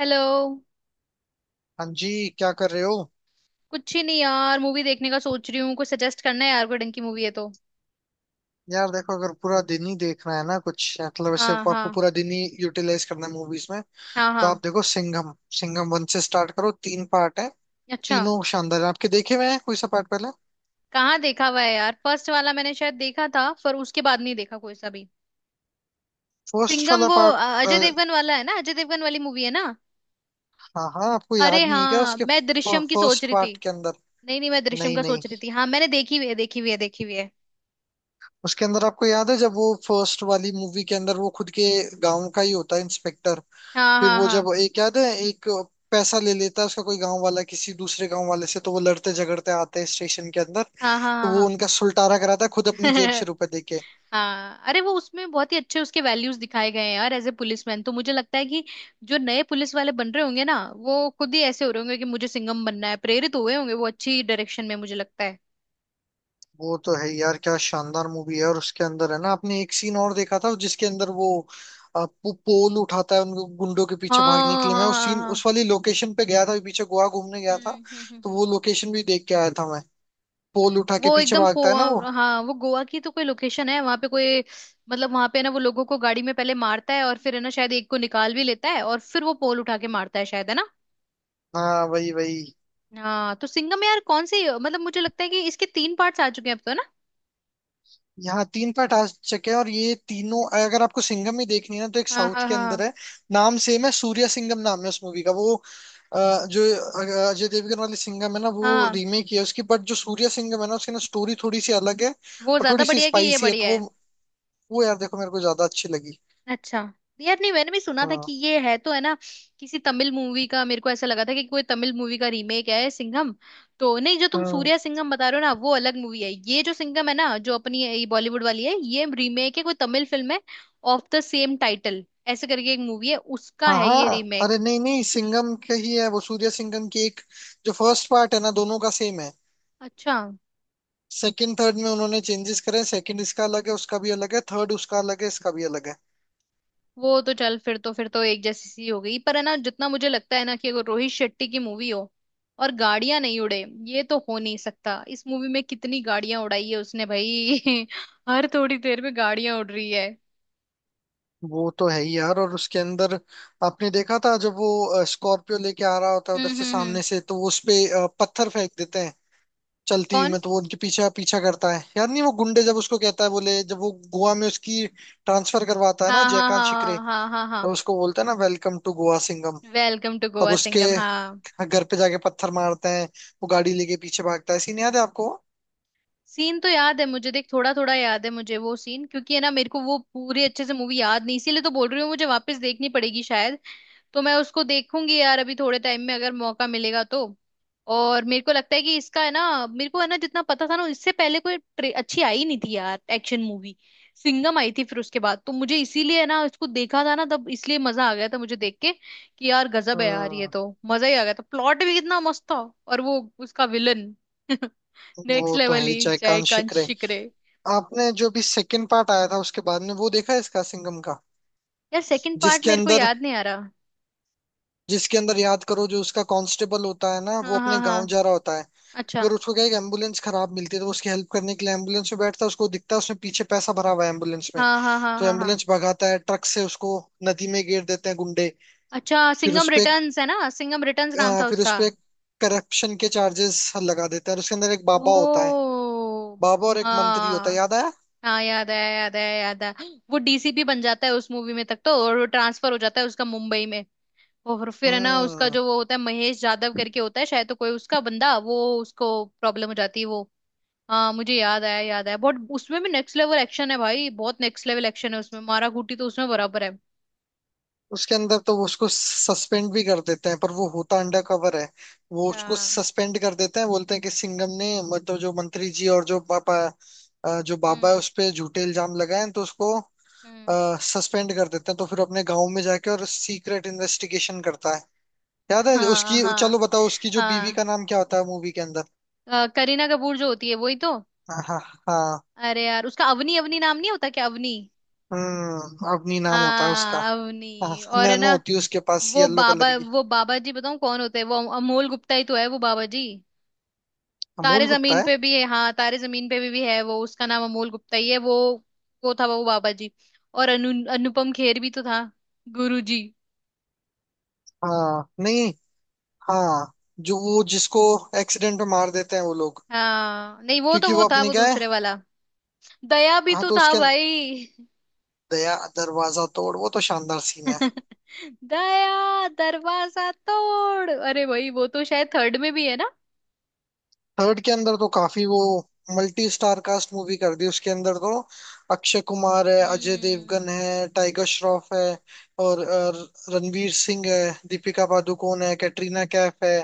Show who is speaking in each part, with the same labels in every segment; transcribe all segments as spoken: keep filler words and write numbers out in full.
Speaker 1: Hello.
Speaker 2: हाँ जी, क्या कर रहे हो।
Speaker 1: कुछ ही नहीं यार, मूवी देखने का सोच रही हूँ। कुछ सजेस्ट करना है यार, कोई ढंग की मूवी है तो।
Speaker 2: यार देखो, अगर पूरा दिन ही देखना है ना, कुछ मतलब ऐसे
Speaker 1: हाँ
Speaker 2: आपको
Speaker 1: हाँ।
Speaker 2: पूरा दिन ही यूटिलाइज करना है मूवीज में,
Speaker 1: हाँ
Speaker 2: तो आप
Speaker 1: हाँ।
Speaker 2: देखो सिंघम। सिंघम वन से स्टार्ट करो, तीन पार्ट है।
Speaker 1: अच्छा।
Speaker 2: तीनों शानदार है। आपके देखे हुए हैं कोई सा पार्ट पहले।
Speaker 1: कहाँ देखा हुआ है यार, फर्स्ट वाला मैंने शायद देखा था पर उसके बाद नहीं देखा कोई सा भी।
Speaker 2: फर्स्ट
Speaker 1: सिंघम
Speaker 2: वाला
Speaker 1: वो
Speaker 2: पार्ट।
Speaker 1: अ, अजय देवगन वाला है ना, अजय देवगन वाली मूवी है ना।
Speaker 2: हाँ हाँ, आपको
Speaker 1: अरे
Speaker 2: याद नहीं है क्या
Speaker 1: हाँ,
Speaker 2: उसके
Speaker 1: मैं दृश्यम की सोच
Speaker 2: फर्स्ट
Speaker 1: रही थी।
Speaker 2: पार्ट के अंदर।
Speaker 1: नहीं नहीं, मैं दृश्यम
Speaker 2: नहीं
Speaker 1: का
Speaker 2: नहीं,
Speaker 1: सोच रही थी। हाँ मैंने देखी हुई है, देखी हुई है, देखी हुई है।
Speaker 2: उसके अंदर आपको याद है जब वो फर्स्ट वाली मूवी के अंदर वो खुद के गांव का ही होता है इंस्पेक्टर।
Speaker 1: हाँ
Speaker 2: फिर
Speaker 1: हाँ।
Speaker 2: वो
Speaker 1: हाँ
Speaker 2: जब एक याद है, एक पैसा ले लेता है उसका कोई गांव वाला किसी दूसरे गांव वाले से, तो वो लड़ते झगड़ते आते हैं स्टेशन के अंदर,
Speaker 1: हाँ
Speaker 2: तो
Speaker 1: हाँ
Speaker 2: वो
Speaker 1: हाँ।
Speaker 2: उनका सुलटारा कराता है खुद अपनी
Speaker 1: हाँ
Speaker 2: जेब से रुपए देके।
Speaker 1: हाँ, अरे वो उसमें बहुत ही अच्छे उसके वैल्यूज दिखाए गए हैं यार एज ए पुलिसमैन। तो मुझे लगता है कि जो नए पुलिस वाले बन रहे होंगे ना, वो खुद ही ऐसे हो रहे होंगे कि मुझे सिंघम बनना है, प्रेरित हुए होंगे वो अच्छी डायरेक्शन में मुझे लगता है।
Speaker 2: वो तो है यार, क्या शानदार मूवी है। और उसके अंदर है ना, आपने एक सीन और देखा था जिसके अंदर वो अ, पो- पोल उठाता है उनको गुंडों के
Speaker 1: हाँ
Speaker 2: पीछे भागने के लिए। मैं
Speaker 1: हाँ
Speaker 2: उस
Speaker 1: हाँ
Speaker 2: सीन,
Speaker 1: हाँ।
Speaker 2: उस वाली लोकेशन पे गया था पीछे, गोवा घूमने गया था,
Speaker 1: हम्म हम्म हम्म
Speaker 2: तो
Speaker 1: हम्म।
Speaker 2: वो लोकेशन भी देख के आया था मैं। पोल उठा के
Speaker 1: वो
Speaker 2: पीछे
Speaker 1: एकदम
Speaker 2: भागता है ना वो।
Speaker 1: पो- हाँ वो गोवा की तो कोई लोकेशन है वहां पे कोई। मतलब वहां पे ना वो लोगों को गाड़ी में पहले मारता है, और फिर है ना शायद एक को निकाल भी लेता है, और फिर वो पोल उठा के मारता है शायद, है ना।
Speaker 2: हाँ वही वही।
Speaker 1: हाँ तो सिंघम यार कौन सी, मतलब मुझे लगता है कि इसके तीन पार्ट्स आ चुके हैं अब तो, है ना।
Speaker 2: यहाँ तीन पार्ट आ चुके हैं, और ये तीनों अगर आपको सिंघम ही देखनी है ना, तो एक
Speaker 1: हाँ
Speaker 2: साउथ
Speaker 1: हाँ
Speaker 2: के अंदर
Speaker 1: हाँ
Speaker 2: है। नाम सेम है, सूर्या सिंघम नाम है उस मूवी का। वो अ, जो अ, अजय देवगन वाली सिंघम है ना, वो
Speaker 1: हाँ।
Speaker 2: रीमेक है उसकी, बट जो सूर्या सिंघम है ना, उसकी ना स्टोरी थोड़ी सी अलग है
Speaker 1: वो
Speaker 2: और
Speaker 1: ज्यादा
Speaker 2: थोड़ी सी
Speaker 1: बढ़िया है कि ये
Speaker 2: स्पाइसी है, तो
Speaker 1: बढ़िया
Speaker 2: वो
Speaker 1: है?
Speaker 2: वो यार देखो मेरे को ज्यादा अच्छी लगी।
Speaker 1: अच्छा। यार नहीं मैंने भी सुना था
Speaker 2: हाँ
Speaker 1: कि ये है तो है ना। किसी तमिल मूवी का, मेरे को ऐसा लगा था कि कोई तमिल मूवी का रीमेक है सिंघम। तो नहीं जो तुम
Speaker 2: हाँ।
Speaker 1: सूर्या सिंघम बता रहे हो ना वो अलग मूवी है, ये जो सिंघम है ना जो अपनी ये बॉलीवुड वाली है, ये रीमेक है कोई तमिल फिल्म है ऑफ द सेम टाइटल ऐसे करके एक मूवी है, उसका
Speaker 2: हाँ
Speaker 1: है ये
Speaker 2: हाँ,
Speaker 1: रीमेक।
Speaker 2: अरे नहीं नहीं, सिंघम का ही है वो सूर्या सिंघम की एक। जो फर्स्ट पार्ट है ना, दोनों का सेम है।
Speaker 1: अच्छा।
Speaker 2: सेकंड थर्ड में उन्होंने चेंजेस करे। सेकंड इसका अलग है, उसका भी अलग है। थर्ड उसका अलग है, इसका भी अलग है।
Speaker 1: वो तो चल फिर तो फिर तो एक जैसी सी हो गई। पर है ना, जितना मुझे लगता है ना कि अगर रोहित शेट्टी की मूवी हो और गाड़ियां नहीं उड़े, ये तो हो नहीं सकता। इस मूवी में कितनी गाड़ियां उड़ाई है उसने भाई हर थोड़ी देर में गाड़ियां उड़ रही है।
Speaker 2: वो तो है ही यार। और उसके अंदर आपने देखा था जब वो स्कॉर्पियो लेके आ रहा होता है उधर
Speaker 1: हम्म
Speaker 2: से
Speaker 1: हम्म हम्म।
Speaker 2: सामने से, तो वो उसपे पत्थर फेंक देते हैं चलती हुई
Speaker 1: कौन?
Speaker 2: में, तो वो उनके पीछे पीछा करता है। यार नहीं, वो गुंडे जब उसको कहता है, बोले जब वो गोवा में उसकी ट्रांसफर करवाता है ना
Speaker 1: हाँ हाँ
Speaker 2: जयकांत
Speaker 1: हाँ
Speaker 2: शिकरे,
Speaker 1: हाँ। हाँ हाँ
Speaker 2: तब
Speaker 1: हाँ।
Speaker 2: उसको बोलता है ना welcome to Goa Singham.
Speaker 1: Welcome to
Speaker 2: तब
Speaker 1: गोवा
Speaker 2: उसके
Speaker 1: सिंगम। हाँ।
Speaker 2: घर पे जाके पत्थर मारते हैं। वो गाड़ी लेके पीछे भागता है, सीन याद है आपको।
Speaker 1: सीन तो याद है मुझे, देख थोड़ा थोड़ा याद है मुझे वो सीन, क्योंकि है ना मेरे को वो पूरी अच्छे से मूवी याद नहीं, इसीलिए तो बोल रही हूँ, मुझे वापस देखनी पड़ेगी शायद। तो मैं उसको देखूंगी यार अभी थोड़े टाइम में अगर मौका मिलेगा तो। और मेरे को लगता है कि इसका है ना, मेरे को है ना जितना पता था ना, इससे पहले कोई ट्रे- अच्छी आई नहीं थी यार एक्शन मूवी। सिंघम आई थी फिर उसके बाद, तो मुझे इसीलिए है ना इसको देखा था ना तब, इसलिए मजा आ गया था मुझे देख के कि यार गजब है यार ये
Speaker 2: हम्म।
Speaker 1: तो। मजा ही आ गया था, प्लॉट भी कितना मस्त था। और वो उसका विलन नेक्स्ट
Speaker 2: वो तो है
Speaker 1: लेवल
Speaker 2: ही
Speaker 1: ही,
Speaker 2: जयकांत
Speaker 1: जयकांत
Speaker 2: शिकरे।
Speaker 1: शिकरे।
Speaker 2: आपने जो भी सेकंड पार्ट आया था उसके बाद में वो देखा है इसका, सिंघम का।
Speaker 1: यार सेकंड पार्ट
Speaker 2: जिसके
Speaker 1: मेरे को
Speaker 2: अंदर,
Speaker 1: याद नहीं आ रहा।
Speaker 2: जिसके अंदर याद करो, जो उसका कांस्टेबल होता है ना, वो
Speaker 1: हाँ
Speaker 2: अपने
Speaker 1: हाँ
Speaker 2: गांव
Speaker 1: हाँ।
Speaker 2: जा रहा होता है।
Speaker 1: अच्छा।
Speaker 2: अगर उसको क्या है कि एम्बुलेंस खराब मिलती है, तो वो उसकी हेल्प करने के लिए एम्बुलेंस में बैठता है। उसको दिखता है उसने पीछे पैसा भरा हुआ है एम्बुलेंस में,
Speaker 1: हाँ हाँ हाँ
Speaker 2: तो
Speaker 1: हाँ हाँ।
Speaker 2: एम्बुलेंस भगाता है ट्रक से उसको नदी में गिर देते हैं गुंडे।
Speaker 1: अच्छा
Speaker 2: फिर
Speaker 1: सिंघम
Speaker 2: उसपे,
Speaker 1: रिटर्न्स है ना, सिंघम रिटर्न्स नाम था
Speaker 2: फिर
Speaker 1: उसका।
Speaker 2: उसपे करप्शन के चार्जेस लगा देते हैं। और उसके अंदर एक बाबा होता है,
Speaker 1: ओ।
Speaker 2: बाबा और एक मंत्री होता है,
Speaker 1: हाँ।
Speaker 2: याद आया।
Speaker 1: हाँ याद है, याद है, याद है। वो डीसीपी बन जाता है उस मूवी में तक तो, और वो ट्रांसफर हो जाता है उसका मुंबई में। और फिर है ना उसका
Speaker 2: हम्म।
Speaker 1: जो वो होता है महेश यादव करके होता है शायद, तो कोई उसका बंदा वो उसको प्रॉब्लम हो जाती है वो। हाँ मुझे याद आया, याद आया। बहुत उसमें भी नेक्स्ट लेवल एक्शन है भाई, बहुत नेक्स्ट लेवल एक्शन है उसमें। मारा घूटी तो उसमें बराबर है।
Speaker 2: उसके अंदर तो वो उसको सस्पेंड भी कर देते हैं, पर वो होता अंडर कवर है। वो उसको
Speaker 1: हाँ।
Speaker 2: सस्पेंड कर देते हैं, बोलते हैं कि सिंघम ने मतलब जो मंत्री जी और जो पापा अ, जो बाबा है
Speaker 1: हम्म
Speaker 2: उस पे झूठे इल्जाम लगाए हैं, तो उसको
Speaker 1: हम्म।
Speaker 2: सस्पेंड कर देते हैं। तो फिर अपने गांव में जाके और सीक्रेट इन्वेस्टिगेशन करता है। याद है
Speaker 1: हाँ
Speaker 2: उसकी,
Speaker 1: हाँ
Speaker 2: चलो बताओ उसकी जो बीवी
Speaker 1: हाँ।
Speaker 2: का नाम क्या होता है मूवी के अंदर।
Speaker 1: अ, करीना कपूर जो होती है वही तो।
Speaker 2: हाँ हाँ।
Speaker 1: अरे यार उसका अवनी, अवनी नाम नहीं होता क्या, अवनी?
Speaker 2: हम्म, अवनी नाम होता है उसका।
Speaker 1: हाँ,
Speaker 2: हाँ।
Speaker 1: अवनी। और है
Speaker 2: नैनो
Speaker 1: ना
Speaker 2: होती है उसके पास
Speaker 1: वो
Speaker 2: येलो कलर
Speaker 1: बाबा,
Speaker 2: की।
Speaker 1: वो बाबा जी बताऊं कौन होते हैं? वो अमोल गुप्ता ही तो है वो बाबा जी। तारे
Speaker 2: अमूल गुप्ता
Speaker 1: जमीन
Speaker 2: है।
Speaker 1: पे भी है, हाँ तारे जमीन पे भी, भी है वो, उसका नाम अमोल गुप्ता ही है वो। वो था वो बाबा जी। और अनु अनुपम खेर भी तो था। गुरु जी।
Speaker 2: हाँ नहीं। हाँ, जो वो जिसको एक्सीडेंट में मार देते हैं वो लोग।
Speaker 1: हाँ नहीं, वो तो
Speaker 2: क्योंकि
Speaker 1: वो
Speaker 2: वो
Speaker 1: था,
Speaker 2: अपने
Speaker 1: वो
Speaker 2: क्या है।
Speaker 1: दूसरे वाला। दया भी
Speaker 2: हाँ,
Speaker 1: तो
Speaker 2: तो
Speaker 1: था
Speaker 2: उसके
Speaker 1: भाई
Speaker 2: दया दरवाजा तोड़, वो तो शानदार सीन है।
Speaker 1: दया दरवाजा तोड़! अरे भाई वो तो शायद थर्ड में भी है ना।
Speaker 2: थर्ड के अंदर तो काफी वो मल्टी स्टार कास्ट मूवी कर दी उसके अंदर तो। अक्षय कुमार है, अजय
Speaker 1: हम्म।
Speaker 2: देवगन है, टाइगर श्रॉफ है, और अ, रणवीर सिंह है, दीपिका पादुकोण है, कैटरीना कैफ है,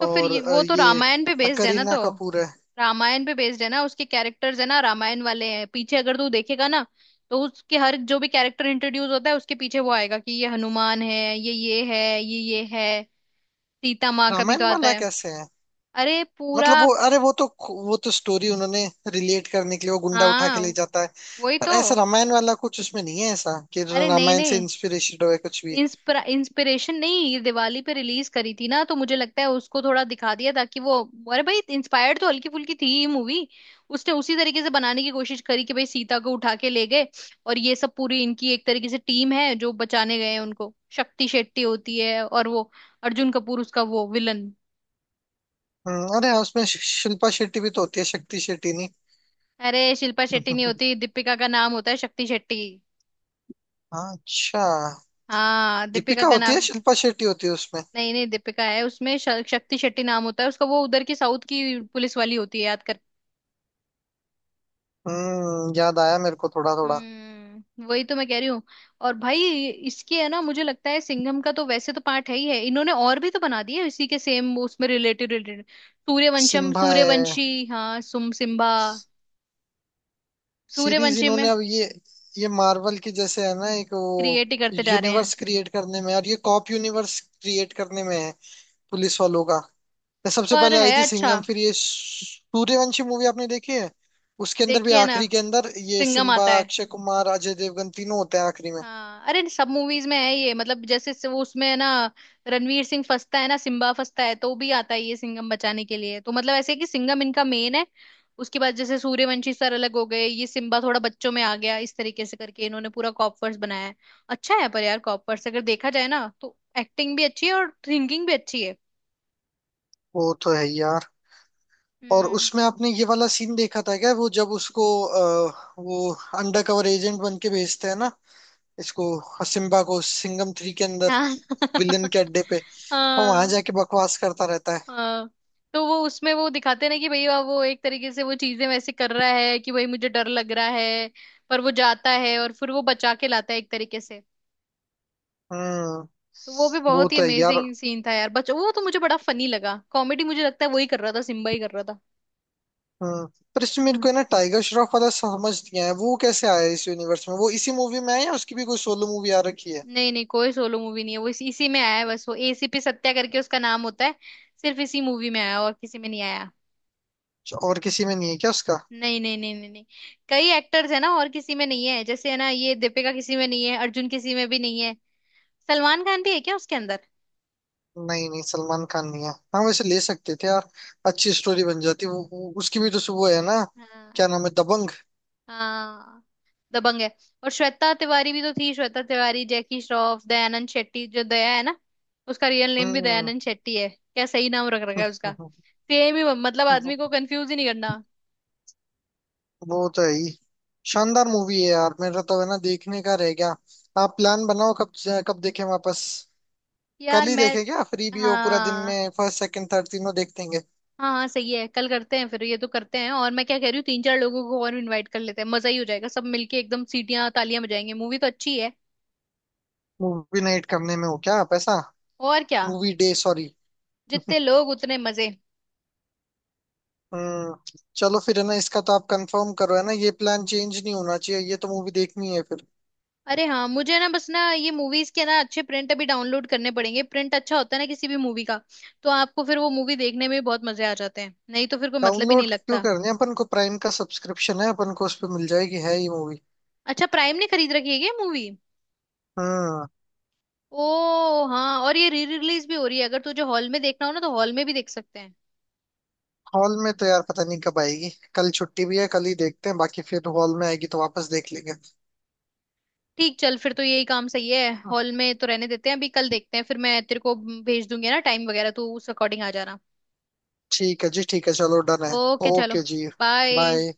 Speaker 1: तो फिर
Speaker 2: और
Speaker 1: ये
Speaker 2: अ,
Speaker 1: वो तो
Speaker 2: ये
Speaker 1: रामायण पे बेस्ड है ना तो।
Speaker 2: करीना कपूर है।
Speaker 1: रामायण पे बेस्ड है ना उसके कैरेक्टर्स, है ना रामायण वाले हैं पीछे अगर तू देखेगा ना। तो उसके हर जो भी कैरेक्टर इंट्रोड्यूस होता है उसके पीछे वो आएगा कि ये हनुमान है, ये ये है, ये ये है। सीता माँ का भी तो
Speaker 2: रामायण
Speaker 1: आता
Speaker 2: वाला
Speaker 1: है।
Speaker 2: कैसे है।
Speaker 1: अरे पूरा।
Speaker 2: मतलब वो, अरे वो तो, वो तो स्टोरी उन्होंने रिलेट करने के लिए वो गुंडा उठा के ले
Speaker 1: हाँ
Speaker 2: जाता है।
Speaker 1: वही
Speaker 2: पर
Speaker 1: तो।
Speaker 2: ऐसा रामायण वाला कुछ उसमें नहीं है ऐसा कि
Speaker 1: अरे नहीं
Speaker 2: रामायण से
Speaker 1: नहीं।
Speaker 2: इंस्पिरेशन हो कुछ भी।
Speaker 1: इंस्पिरा इंस्पिरेशन नहीं, ये दिवाली पे रिलीज करी थी ना, तो मुझे लगता है उसको थोड़ा दिखा दिया ताकि वो। अरे भाई इंस्पायर्ड तो हल्की फुल्की थी ये मूवी। उसने उसी तरीके से बनाने की कोशिश करी कि भाई सीता को उठा के ले गए, और ये सब पूरी इनकी एक तरीके से टीम है जो बचाने गए हैं उनको, शक्ति शेट्टी होती है और वो अर्जुन कपूर उसका वो विलन।
Speaker 2: हम्म, अरे हाँ, उसमें शि- शिल्पा शेट्टी भी तो होती है, शक्ति शेट्टी नहीं।
Speaker 1: अरे शिल्पा शेट्टी नहीं होती, दीपिका का नाम होता है शक्ति शेट्टी।
Speaker 2: हाँ, अच्छा।
Speaker 1: हाँ दीपिका
Speaker 2: दीपिका
Speaker 1: का
Speaker 2: होती है,
Speaker 1: नाम।
Speaker 2: शिल्पा शेट्टी होती है उसमें।
Speaker 1: नहीं नहीं दीपिका है उसमें, श- शक्ति शेट्टी नाम होता है उसका, वो उधर की साउथ की पुलिस वाली होती है, याद?
Speaker 2: हम्म, याद आया मेरे को थोड़ा थोड़ा।
Speaker 1: हम्म वही तो मैं कह रही हूँ। और भाई इसकी है ना, मुझे लगता है सिंघम का तो वैसे तो पार्ट है ही है, इन्होंने और भी तो बना दिए इसी के सेम उसमें रिलेटेड रिलेटेड। सूर्यवंशम
Speaker 2: सिम्बा है।
Speaker 1: सूर्यवंशी, हाँ सुम सिम्बा।
Speaker 2: सीरीज
Speaker 1: सूर्यवंशी
Speaker 2: इन्होंने
Speaker 1: में।
Speaker 2: अब ये ये मार्वल की जैसे है ना एक वो
Speaker 1: क्रिएट ही करते जा रहे हैं।
Speaker 2: यूनिवर्स क्रिएट करने में, और ये कॉप यूनिवर्स क्रिएट करने में है, पुलिस वालों का। सबसे
Speaker 1: पर
Speaker 2: पहले आई
Speaker 1: है
Speaker 2: थी
Speaker 1: अच्छा।
Speaker 2: सिंघम, फिर ये सूर्यवंशी मूवी आपने देखी है। उसके अंदर भी
Speaker 1: देखिए ना।
Speaker 2: आखिरी के अंदर ये
Speaker 1: सिंघम
Speaker 2: सिम्बा,
Speaker 1: आता है।
Speaker 2: अक्षय कुमार, अजय देवगन तीनों होते हैं आखिरी में।
Speaker 1: हाँ अरे सब मूवीज में है ये, मतलब जैसे से वो उसमें है ना, रणवीर सिंह फंसता है ना सिम्बा फंसता है तो भी आता है ये सिंघम बचाने के लिए, तो मतलब ऐसे है कि सिंघम इनका मेन है। उसके बाद जैसे सूर्यवंशी सर अलग हो गए, ये सिम्बा थोड़ा बच्चों में आ गया, इस तरीके से करके इन्होंने पूरा कॉपवर्स बनाया है। अच्छा है पर यार कॉपवर्स अगर देखा जाए ना, तो एक्टिंग भी अच्छी है और थिंकिंग भी अच्छी है।
Speaker 2: वो तो है यार। और
Speaker 1: हम्म।
Speaker 2: उसमें आपने ये वाला सीन देखा था क्या, वो जब उसको अ, वो अंडर कवर एजेंट बन के भेजते हैं ना, इसको सिम्बा को सिंघम थ्री के अंदर
Speaker 1: हाँ
Speaker 2: विलन के अड्डे पे, और वहां
Speaker 1: हाँ।
Speaker 2: जाके बकवास करता रहता है।
Speaker 1: हाँ तो वो उसमें वो दिखाते ना कि भैया वो एक तरीके से वो चीजें वैसे कर रहा है कि भाई मुझे डर लग रहा है। पर वो जाता है और फिर वो बचा के लाता है एक तरीके से।
Speaker 2: हम्म।
Speaker 1: तो वो भी
Speaker 2: वो
Speaker 1: बहुत ही
Speaker 2: तो है यार।
Speaker 1: अमेजिंग सीन था यार, बच वो तो मुझे बड़ा फनी लगा, कॉमेडी मुझे लगता है वही कर रहा था, सिम्बा ही कर रहा था
Speaker 2: हाँ, पर इसमें मेरे को है ना टाइगर श्रॉफ वाला समझ नहीं आया, वो कैसे आया इस यूनिवर्स में। वो इसी मूवी में है या उसकी भी कोई सोलो मूवी आ रखी है।
Speaker 1: नहीं नहीं कोई सोलो मूवी नहीं है, वो इस, इसी में आया है बस, वो एसीपी सत्या करके उसका नाम होता है। सिर्फ इसी मूवी में आया और किसी में नहीं आया।
Speaker 2: अच्छा, और किसी में नहीं है क्या उसका।
Speaker 1: नहीं नहीं नहीं नहीं नहीं। कई एक्टर्स है ना और किसी में नहीं है, जैसे है ना ये दीपिका किसी में नहीं है, अर्जुन किसी में भी नहीं है। सलमान खान भी है क्या उसके अंदर?
Speaker 2: नहीं नहीं, सलमान खान नहीं है। हाँ वैसे ले सकते थे यार, अच्छी स्टोरी बन जाती। वो, वो उसकी भी तो सु- वो है ना क्या
Speaker 1: हाँ।
Speaker 2: नाम है, दबंग।
Speaker 1: हाँ दबंग है। और श्वेता तिवारी भी तो थी, श्वेता तिवारी, जैकी श्रॉफ, दयानंद शेट्टी जो दया है ना, उसका रियल नेम भी
Speaker 2: हम्म।
Speaker 1: दयानंद शेट्टी है क्या? सही नाम रख रखा है उसका। सेम ही, मतलब
Speaker 2: वो,
Speaker 1: आदमी को कंफ्यूज ही नहीं करना।
Speaker 2: वो तो है ही शानदार मूवी है यार। मेरा तो है ना देखने का रह गया। आप प्लान बनाओ कब, कब देखें वापस। कल
Speaker 1: यार
Speaker 2: ही
Speaker 1: मैं।
Speaker 2: देखें क्या, फ्री भी हो पूरा दिन
Speaker 1: हाँ
Speaker 2: में, फर्स्ट सेकंड थर्ड तीनों देख देंगे।
Speaker 1: हाँ हाँ सही है। कल करते हैं फिर ये तो करते हैं। और मैं क्या कह रही हूँ, तीन चार लोगों को और इनवाइट कर लेते हैं, मजा ही हो जाएगा। सब मिलके एकदम सीटियां तालियां बजाएंगे, मूवी तो अच्छी है।
Speaker 2: मूवी नाइट करने में हो क्या पैसा।
Speaker 1: और क्या।
Speaker 2: Movie day sorry.
Speaker 1: जितने लोग उतने मजे।
Speaker 2: हम्म, चलो फिर है ना, इसका तो आप कंफर्म करो है ना, ये प्लान चेंज नहीं होना चाहिए, ये तो मूवी देखनी है फिर।
Speaker 1: अरे हाँ मुझे ना, बस ना ये मूवीज के ना अच्छे प्रिंट अभी डाउनलोड करने पड़ेंगे, प्रिंट अच्छा होता है ना किसी भी मूवी का, तो आपको फिर वो मूवी देखने में भी बहुत मजे आ जाते हैं, नहीं तो फिर कोई मतलब ही नहीं
Speaker 2: डाउनलोड क्यों
Speaker 1: लगता।
Speaker 2: करनी है, अपन को प्राइम का सब्सक्रिप्शन है, अपन को उस पे मिल जाएगी है ये मूवी।
Speaker 1: अच्छा प्राइम ने खरीद रखी है क्या मूवी?
Speaker 2: हम्म।
Speaker 1: ओ हाँ, और ये री रिलीज भी हो रही है, अगर तुझे हॉल में देखना हो ना तो हॉल में भी देख सकते हैं।
Speaker 2: हॉल में तो यार पता नहीं कब आएगी। कल छुट्टी भी है, कल ही देखते हैं, बाकी फिर हॉल में आएगी तो वापस देख लेंगे।
Speaker 1: ठीक, चल फिर तो यही काम सही है, हॉल में तो रहने देते हैं अभी, कल देखते हैं फिर। मैं तेरे को भेज दूंगी ना टाइम वगैरह, तू उस अकॉर्डिंग आ जाना।
Speaker 2: ठीक है जी, ठीक है, चलो डन है।
Speaker 1: ओके चलो।
Speaker 2: ओके जी।
Speaker 1: बाय।
Speaker 2: बाय।